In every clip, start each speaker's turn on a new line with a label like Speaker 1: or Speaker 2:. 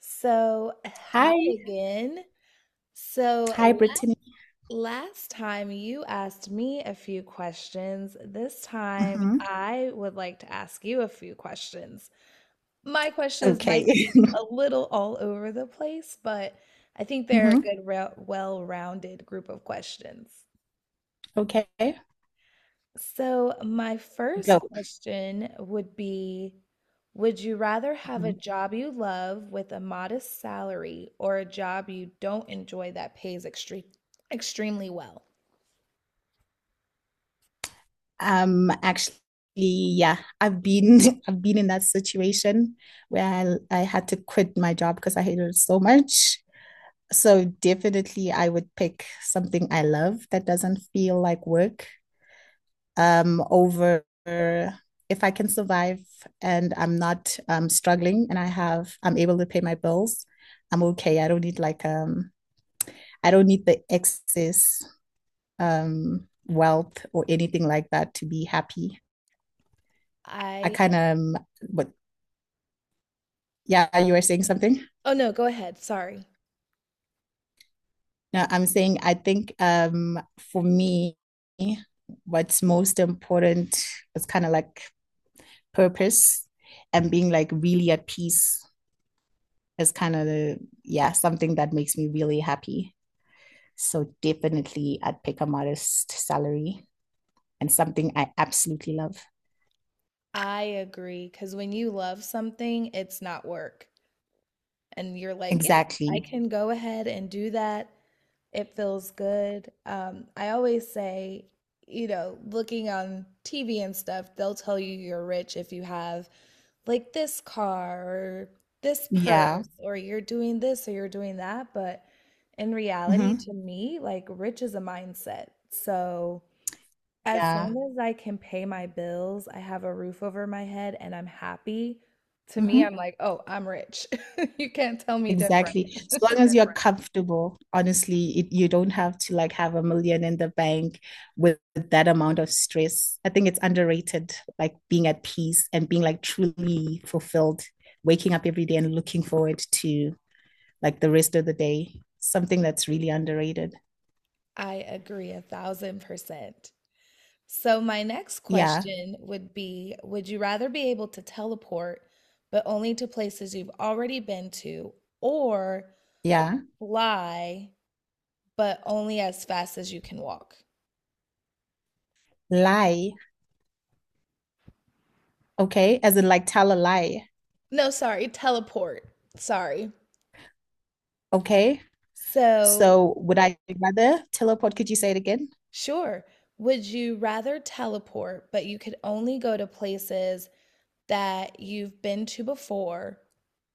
Speaker 1: Hi
Speaker 2: Hi.
Speaker 1: again.
Speaker 2: Hi,
Speaker 1: So,
Speaker 2: Brittany.
Speaker 1: la- Last time you asked me a few questions. This time
Speaker 2: hmm
Speaker 1: I would like to ask you a few questions. My questions might
Speaker 2: Okay.
Speaker 1: be a little all over the place, but I think they're a
Speaker 2: hmm
Speaker 1: well-rounded group of questions.
Speaker 2: Okay,
Speaker 1: So, my first
Speaker 2: go.
Speaker 1: question would be, would you rather have a
Speaker 2: Mhm.
Speaker 1: job you love with a modest salary or a job you don't enjoy that pays extremely well?
Speaker 2: Actually, yeah, I've been I've been in that situation where I had to quit my job because I hated it so much. So definitely I would pick something I love that doesn't feel like work, over if I can survive and I'm not struggling and I'm able to pay my bills, I'm okay. I don't need I don't need the excess wealth or anything like that to be happy. I
Speaker 1: I,
Speaker 2: kind of, but Yeah, you were saying something.
Speaker 1: oh no, go ahead. Sorry.
Speaker 2: No, I'm saying I think, for me, what's most important is kind of like purpose and being like really at peace is kind of the yeah something that makes me really happy. So definitely, I'd pick a modest salary and something I absolutely love.
Speaker 1: I agree. Because when you love something, it's not work. And you're like, yeah, I
Speaker 2: Exactly.
Speaker 1: can go ahead and do that. It feels good. I always say, looking on TV and stuff, they'll tell you you're rich if you have like this car or this
Speaker 2: Yeah.
Speaker 1: purse or you're doing this or you're doing that. But in reality,
Speaker 2: Mm-hmm.
Speaker 1: to me, like rich is a mindset. So as
Speaker 2: Yeah.
Speaker 1: long as I can pay my bills, I have a roof over my head, and I'm happy, to me,
Speaker 2: Mhm.
Speaker 1: I'm like, oh, I'm rich. You can't tell me different.
Speaker 2: Exactly. As long as you're right, comfortable, honestly, you don't have to like have a million in the bank with that amount of stress. I think it's underrated, like being at peace and being like truly fulfilled, waking up every day and looking forward to like the rest of the day. Something that's really underrated.
Speaker 1: I agree 1000%. So, my next
Speaker 2: Yeah.
Speaker 1: question would be, would you rather be able to teleport, but only to places you've already been to, or
Speaker 2: Yeah.
Speaker 1: fly, but only as fast as you can walk?
Speaker 2: Lie. Okay. As in like tell a lie.
Speaker 1: No, sorry, teleport. Sorry.
Speaker 2: Okay.
Speaker 1: So,
Speaker 2: So would I rather tell a pod? Could you say it again?
Speaker 1: sure. Would you rather teleport, but you could only go to places that you've been to before,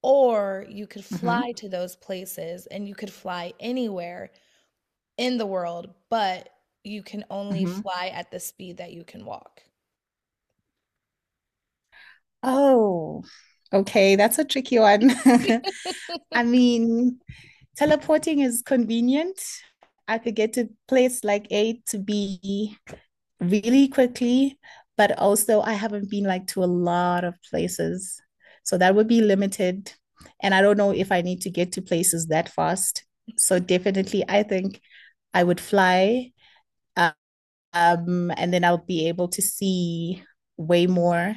Speaker 1: or you could
Speaker 2: Mm-hmm.
Speaker 1: fly to those places and you could fly anywhere in the world, but you can only
Speaker 2: Mm-hmm.
Speaker 1: fly at the speed that you can walk.
Speaker 2: Oh, okay. That's a tricky one. I mean, teleporting is convenient. I could get to place like A to B really quickly, but also I haven't been like to a lot of places. So that would be limited. And I don't know if I need to get to places that fast. So definitely, I think I would fly, and then I'll be able to see way more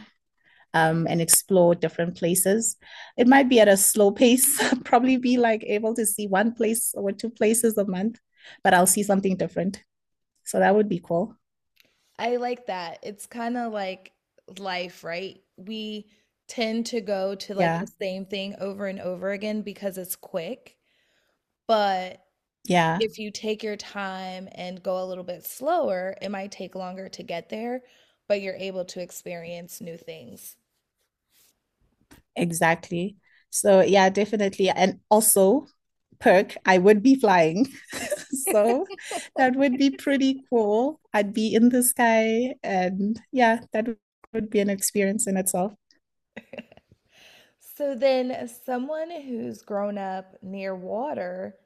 Speaker 2: and explore different places. It might be at a slow pace, probably be like able to see one place or two places a month, but I'll see something different. So that would be cool.
Speaker 1: I like that. It's kind of like life, right? We tend to go to like the
Speaker 2: Yeah.
Speaker 1: same thing over and over again because it's quick, but
Speaker 2: Yeah,
Speaker 1: if you take your time and go a little bit slower, it might take longer to get there, but you're able to experience new things.
Speaker 2: exactly. So, yeah, definitely. And also, perk, I would be flying. So that would be pretty cool. I'd be in the sky. And yeah, that would be an experience in itself.
Speaker 1: So then, someone who's grown up near water,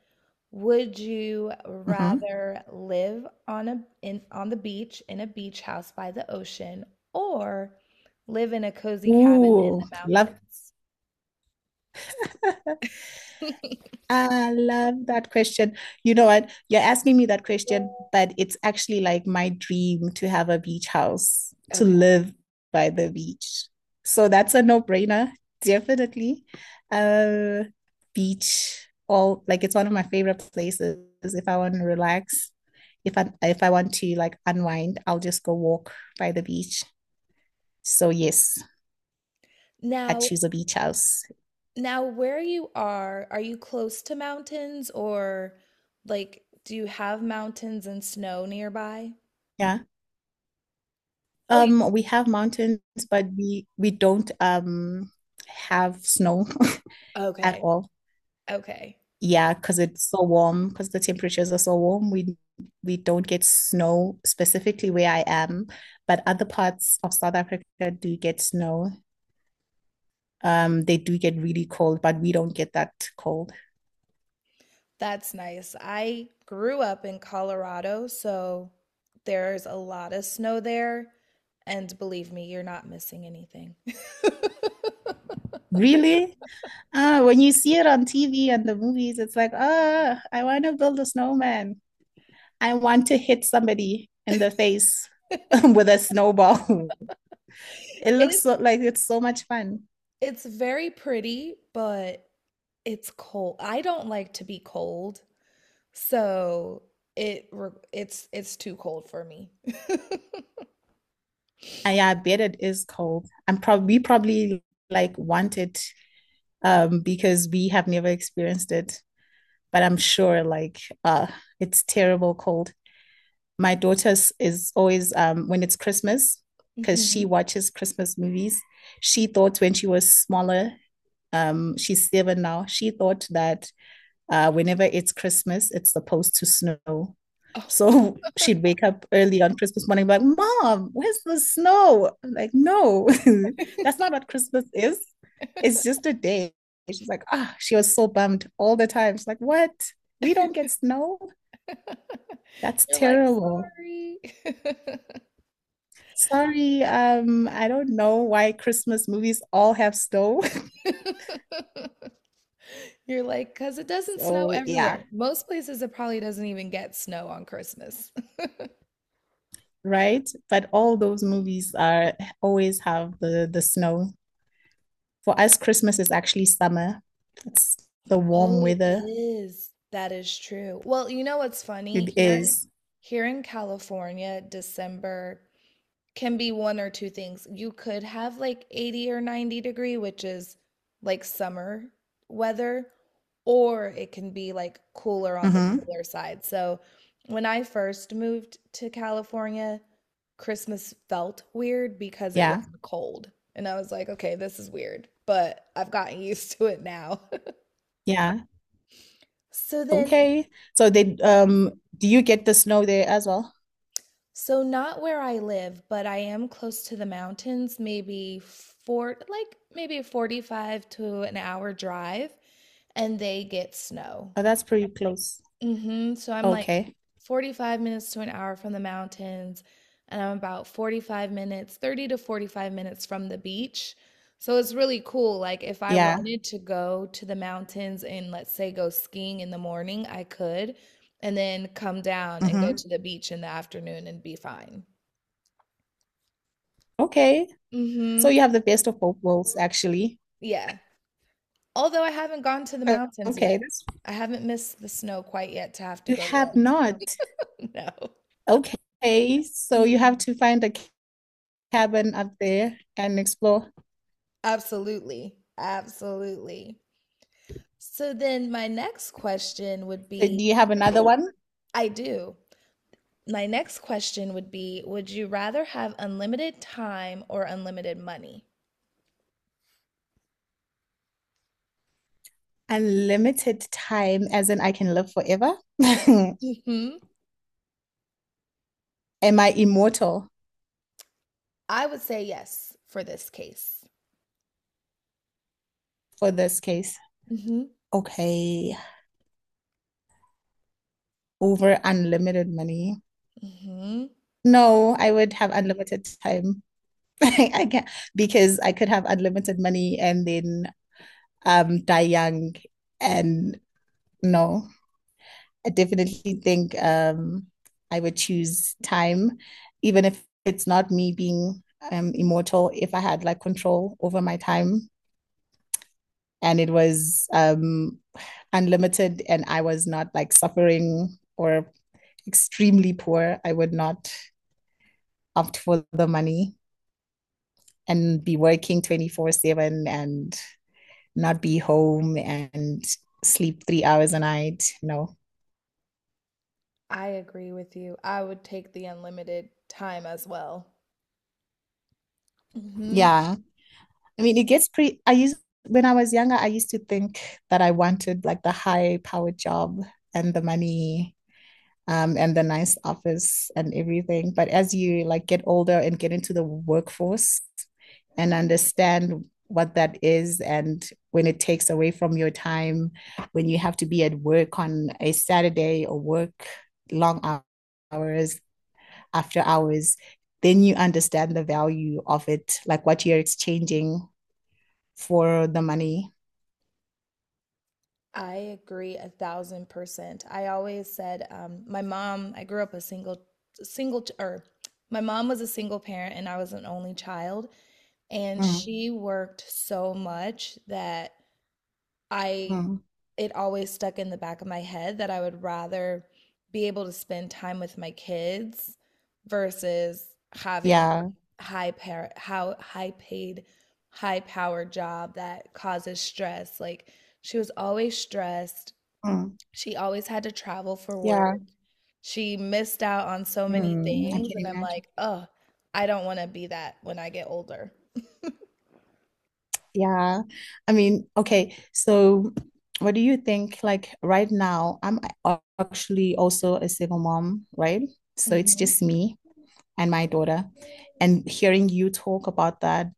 Speaker 1: would you
Speaker 2: Mm-hmm.
Speaker 1: rather live on a in on the beach in a beach house by the ocean or live in a cozy cabin in the
Speaker 2: Ooh, love.
Speaker 1: mountains?
Speaker 2: I love that question. You know what? You're asking me that question, but it's actually like my dream to have a beach house, to
Speaker 1: Okay.
Speaker 2: live by the beach. So that's a no-brainer, definitely. Uh, Beach, all like it's one of my favorite places. If I want to relax, if I want to like unwind, I'll just go walk by the beach. So yes, I
Speaker 1: Now,
Speaker 2: choose a beach house.
Speaker 1: now where you are you close to mountains or like do you have mountains and snow nearby?
Speaker 2: Yeah.
Speaker 1: Oh, you
Speaker 2: We have mountains, but we don't have snow at
Speaker 1: okay.
Speaker 2: all.
Speaker 1: Okay.
Speaker 2: Yeah, because it's so warm, because the temperatures are so warm, we don't get snow specifically where I am, but other parts of South Africa do get snow. They do get really cold, but we don't get that cold.
Speaker 1: That's nice. I grew up in Colorado, so there's a lot of snow there, and believe me, you're not missing anything.
Speaker 2: Really? When you see it on TV and the movies, it's like, oh, I want to build a snowman. I want to hit somebody in the face with a snowball. It looks
Speaker 1: It
Speaker 2: so like it's so much fun.
Speaker 1: it's very pretty, but it's cold. I don't like to be cold. So it re- it's too cold for me.
Speaker 2: And yeah, I bet it is cold. I'm probably we probably like want it because we have never experienced it. But I'm sure like it's terrible cold. My daughter is always when it's Christmas, because
Speaker 1: hmm
Speaker 2: she watches Christmas movies. She thought when she was smaller, she's 7 now, she thought that whenever it's Christmas, it's supposed to snow.
Speaker 1: Oh.
Speaker 2: So she'd wake up early on Christmas morning, like, Mom, where's the snow? I'm like, no, that's not what Christmas is. It's just a day. She's like, ah, oh, she was so bummed all the time. She's like, what? We don't get snow? That's
Speaker 1: You're like,
Speaker 2: terrible.
Speaker 1: sorry.
Speaker 2: Sorry, I don't know why Christmas movies all have snow.
Speaker 1: You're like, because it doesn't snow
Speaker 2: So yeah,
Speaker 1: everywhere. Most places it probably doesn't even get snow on Christmas.
Speaker 2: right. But all those movies are always have the snow. For us, Christmas is actually summer. It's the warm
Speaker 1: Oh, it
Speaker 2: weather.
Speaker 1: is. That is true. Well, you know what's funny?
Speaker 2: It is.
Speaker 1: Here in California, December can be one or two things. You could have like 80 or 90-degree, which is like summer weather, or it can be like cooler on the
Speaker 2: Mm-hmm.
Speaker 1: cooler side. So when I first moved to California, Christmas felt weird because it
Speaker 2: Yeah.
Speaker 1: wasn't cold. And I was like, okay, this is weird, but I've gotten used to it now.
Speaker 2: Yeah.
Speaker 1: So then
Speaker 2: Okay. So they do you get the snow there as well?
Speaker 1: so not where I live, but I am close to the mountains, maybe four, like maybe 45 to an hour drive, and they get snow.
Speaker 2: Oh, that's pretty close.
Speaker 1: Hmm. So I'm like
Speaker 2: Okay.
Speaker 1: 45 minutes to an hour from the mountains, and I'm about 45 minutes, 30 to 45 minutes from the beach. So it's really cool. Like if I
Speaker 2: Yeah.
Speaker 1: wanted to go to the mountains and let's say go skiing in the morning, I could, and then come down and go
Speaker 2: Mm-hmm.
Speaker 1: to the beach in the afternoon and be fine.
Speaker 2: Okay. So
Speaker 1: Mhm.
Speaker 2: you have the best of both worlds, actually.
Speaker 1: Yeah. Although I haven't gone to the
Speaker 2: O-
Speaker 1: mountains
Speaker 2: Okay.
Speaker 1: yet.
Speaker 2: That's,
Speaker 1: I haven't missed the snow quite yet to have to
Speaker 2: you
Speaker 1: go there.
Speaker 2: have not.
Speaker 1: No.
Speaker 2: Okay. So you have
Speaker 1: Mm-mm.
Speaker 2: to find a cabin up there and explore.
Speaker 1: Absolutely. Absolutely. So then my next question would
Speaker 2: So do
Speaker 1: be,
Speaker 2: you have another one?
Speaker 1: I do. My next question would be, would you rather have unlimited time or unlimited money?
Speaker 2: Unlimited time, as in I can live forever.
Speaker 1: Hmm.
Speaker 2: Am I immortal
Speaker 1: I would say yes for this case.
Speaker 2: for this case?
Speaker 1: Hmm.
Speaker 2: Okay. Over unlimited money.
Speaker 1: Hmm.
Speaker 2: No, I would have unlimited time. I can't because I could have unlimited money and then die young and no, I definitely think I would choose time, even if it's not me being immortal, if I had like control over my time and it was unlimited and I was not like suffering or extremely poor, I would not opt for the money and be working 24/7 and not be home and sleep 3 hours a night. No.
Speaker 1: I agree with you. I would take the unlimited time as well. Hmm.
Speaker 2: Yeah. I mean, it gets pretty. When I was younger, I used to think that I wanted like the high powered job and the money, and the nice office and everything. But as you like get older and get into the workforce and understand what that is and when it takes away from your time, when you have to be at work on a Saturday or work long hours, after hours, then you understand the value of it, like what you're exchanging for the money.
Speaker 1: I agree 1000%. I always said, my mom, I grew up a single, single, or my mom was a single parent and I was an only child. And
Speaker 2: Mm,
Speaker 1: she worked so much that I,
Speaker 2: mm.
Speaker 1: it always stuck in the back of my head that I would rather be able to spend time with my kids versus having
Speaker 2: Yeah.
Speaker 1: high par how high paid, high powered job that causes stress. Like, she was always stressed,
Speaker 2: Mm,
Speaker 1: she always had to travel for work.
Speaker 2: yeah.
Speaker 1: She missed out on so many
Speaker 2: Hmm, I
Speaker 1: things,
Speaker 2: can
Speaker 1: and I'm
Speaker 2: imagine.
Speaker 1: like, oh, I don't want to be that when I get older."
Speaker 2: Yeah. I mean, okay. So, what do you think? Like, right now, actually also a single mom, right? So, it's
Speaker 1: Mhm.
Speaker 2: just me and my daughter. And hearing you talk about that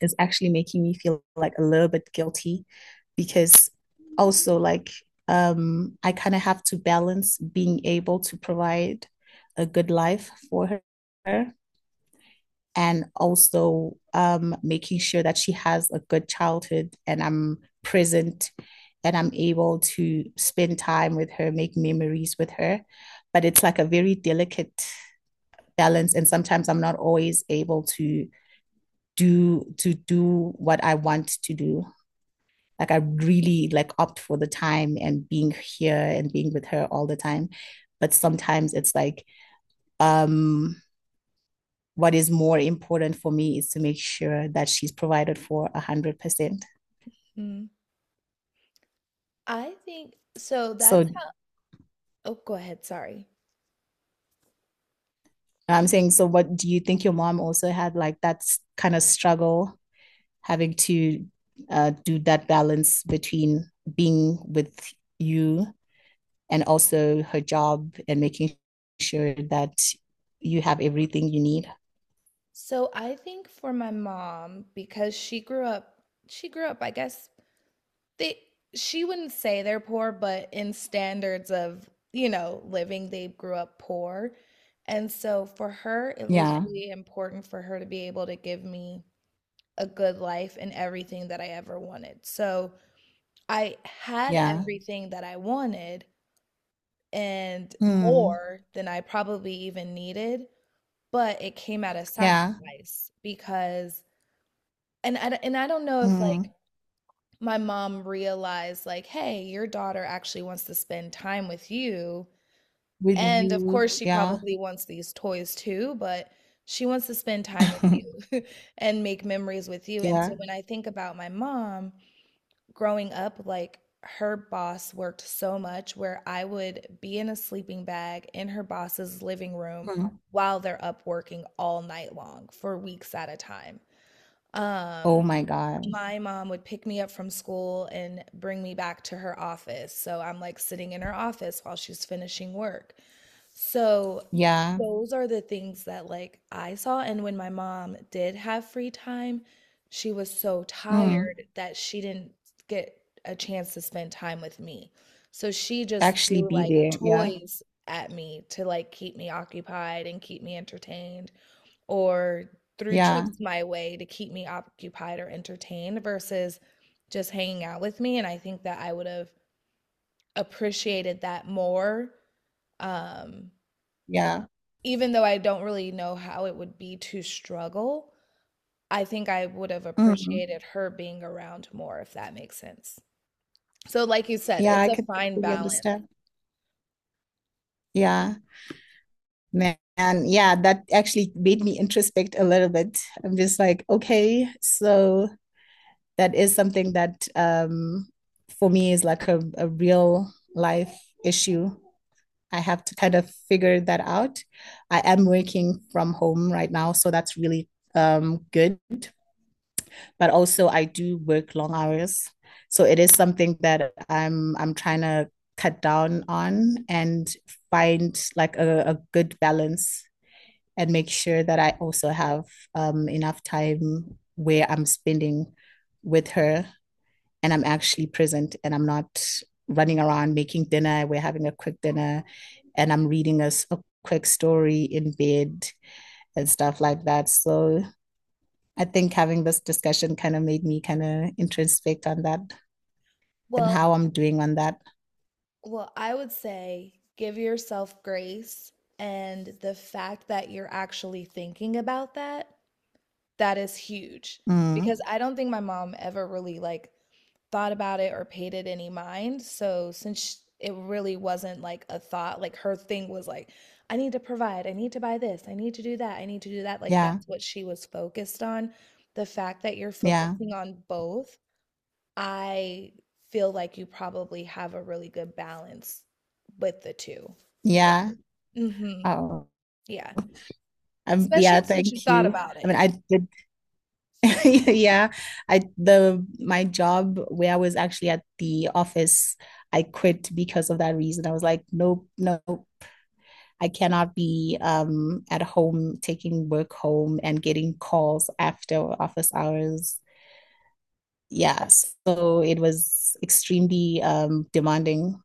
Speaker 2: is actually making me feel like a little bit guilty because also, like, I kind of have to balance being able to provide a good life for her and also, making sure that she has a good childhood and I'm present and I'm able to spend time with her, make memories with her. But it's like a very delicate balance. And sometimes I'm not always able to do what I want to do. Like I really like opt for the time and being here and being with her all the time. But sometimes it's like um what is more important for me is to make sure that she's provided for 100%.
Speaker 1: Mm. I think so that's
Speaker 2: So
Speaker 1: how Oh, go ahead, sorry.
Speaker 2: I'm saying, so what do you think your mom also had like that kind of struggle having to, do that balance between being with you and also her job and making sure that you have everything you need.
Speaker 1: So I think for my mom, because she grew up, I guess they she wouldn't say they're poor, but in standards of, you know, living, they grew up poor. And so for her, it was Mhm.
Speaker 2: Yeah,
Speaker 1: really important for her to be able to give me a good life and everything that I ever wanted. So I had
Speaker 2: yeah.
Speaker 1: everything that I wanted and
Speaker 2: Mm,
Speaker 1: more than I probably even needed, but it came at a
Speaker 2: yeah.
Speaker 1: sacrifice because and I don't know if like
Speaker 2: Mm.
Speaker 1: my mom realized like, "Hey, your daughter actually wants to spend time with you."
Speaker 2: With
Speaker 1: And of
Speaker 2: you.
Speaker 1: course she
Speaker 2: Yeah.
Speaker 1: probably wants these toys too, but she wants to spend time with you and make memories with you. And so
Speaker 2: Yeah.
Speaker 1: when I think about my mom, growing up, like her boss worked so much where I would be in a sleeping bag in her boss's living room
Speaker 2: Mm.
Speaker 1: while they're up working all night long for weeks at a time.
Speaker 2: Oh
Speaker 1: Um,
Speaker 2: my God.
Speaker 1: my mom would pick me up from school and bring me back to her office. So I'm like sitting in her office while she's finishing work. So
Speaker 2: Yeah.
Speaker 1: those are the things that like I saw. And when my mom did have free time, she was so
Speaker 2: Mm.
Speaker 1: tired that she didn't get a chance to spend time with me. So she just
Speaker 2: Actually
Speaker 1: threw
Speaker 2: be
Speaker 1: like
Speaker 2: there. Yeah.
Speaker 1: toys at me to like keep me occupied and keep me entertained, or threw
Speaker 2: Yeah.
Speaker 1: tricks my way to keep me occupied or entertained versus just hanging out with me. And I think that I would have appreciated that more. Um,
Speaker 2: Yeah.
Speaker 1: even though I don't really know how it would be to struggle, I think I would have
Speaker 2: Mm.
Speaker 1: appreciated her being around more, if that makes sense. So, like you said,
Speaker 2: Yeah,
Speaker 1: it's
Speaker 2: I
Speaker 1: a
Speaker 2: could
Speaker 1: fine
Speaker 2: really
Speaker 1: balance.
Speaker 2: understand. Yeah. Man, yeah, that actually made me introspect a little bit. I'm just like, okay, so that is something that, for me is like a real life issue. I have to kind of figure that out. I am working from home right now, so that's really, good. But also, I do work long hours, so it is something that I'm trying to cut down on and find like a good balance and make sure that I also have, enough time where I'm spending with her and I'm actually present and I'm not running around making dinner. We're having a quick dinner and I'm reading a quick story in bed and stuff like that. So I think having this discussion kind of made me kind of introspect on that and
Speaker 1: Well,
Speaker 2: how I'm doing on that.
Speaker 1: well, I would say give yourself grace and the fact that you're actually thinking about that, that is huge
Speaker 2: Mm,
Speaker 1: because I don't think my mom ever really like thought about it or paid it any mind. So since sh it really wasn't like a thought, like her thing was like, I need to provide, I need to buy this, I need to do that, I need to do that. Like
Speaker 2: yeah,
Speaker 1: that's what she was focused on. The fact that you're
Speaker 2: yeah,
Speaker 1: focusing on both, I feel like you probably have a really good balance with the two.
Speaker 2: yeah.
Speaker 1: Mm-hmm.
Speaker 2: Oh,
Speaker 1: Yeah. Especially
Speaker 2: yeah.
Speaker 1: since you
Speaker 2: Thank
Speaker 1: thought
Speaker 2: you.
Speaker 1: about
Speaker 2: I
Speaker 1: it.
Speaker 2: mean, I did. Yeah, I the my job where I was actually at the office, I quit because of that reason. I was like, nope, nope, I cannot be at home taking work home and getting calls after office hours. Yeah, so it was extremely demanding.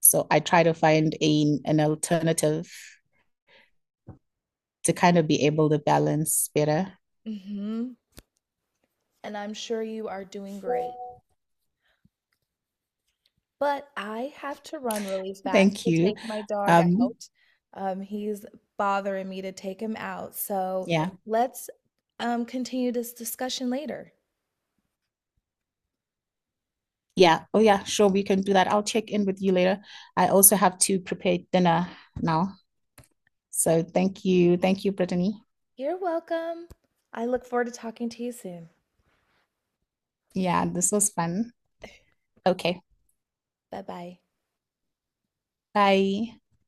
Speaker 2: So I try to find a an alternative to kind of be able to balance better.
Speaker 1: Mm-hmm. And I'm sure you are doing great. But I have to run really fast
Speaker 2: Thank
Speaker 1: to
Speaker 2: you.
Speaker 1: take my dog
Speaker 2: Um,
Speaker 1: out. He's bothering me to take him out. So
Speaker 2: yeah.
Speaker 1: let's continue this discussion later.
Speaker 2: Yeah. Oh, yeah. Sure. We can do that. I'll check in with you later. I also have to prepare dinner now. So thank you. Thank you, Brittany.
Speaker 1: You're welcome. I look forward to talking to you soon.
Speaker 2: Yeah, this was fun. Okay.
Speaker 1: Bye bye.
Speaker 2: Bye.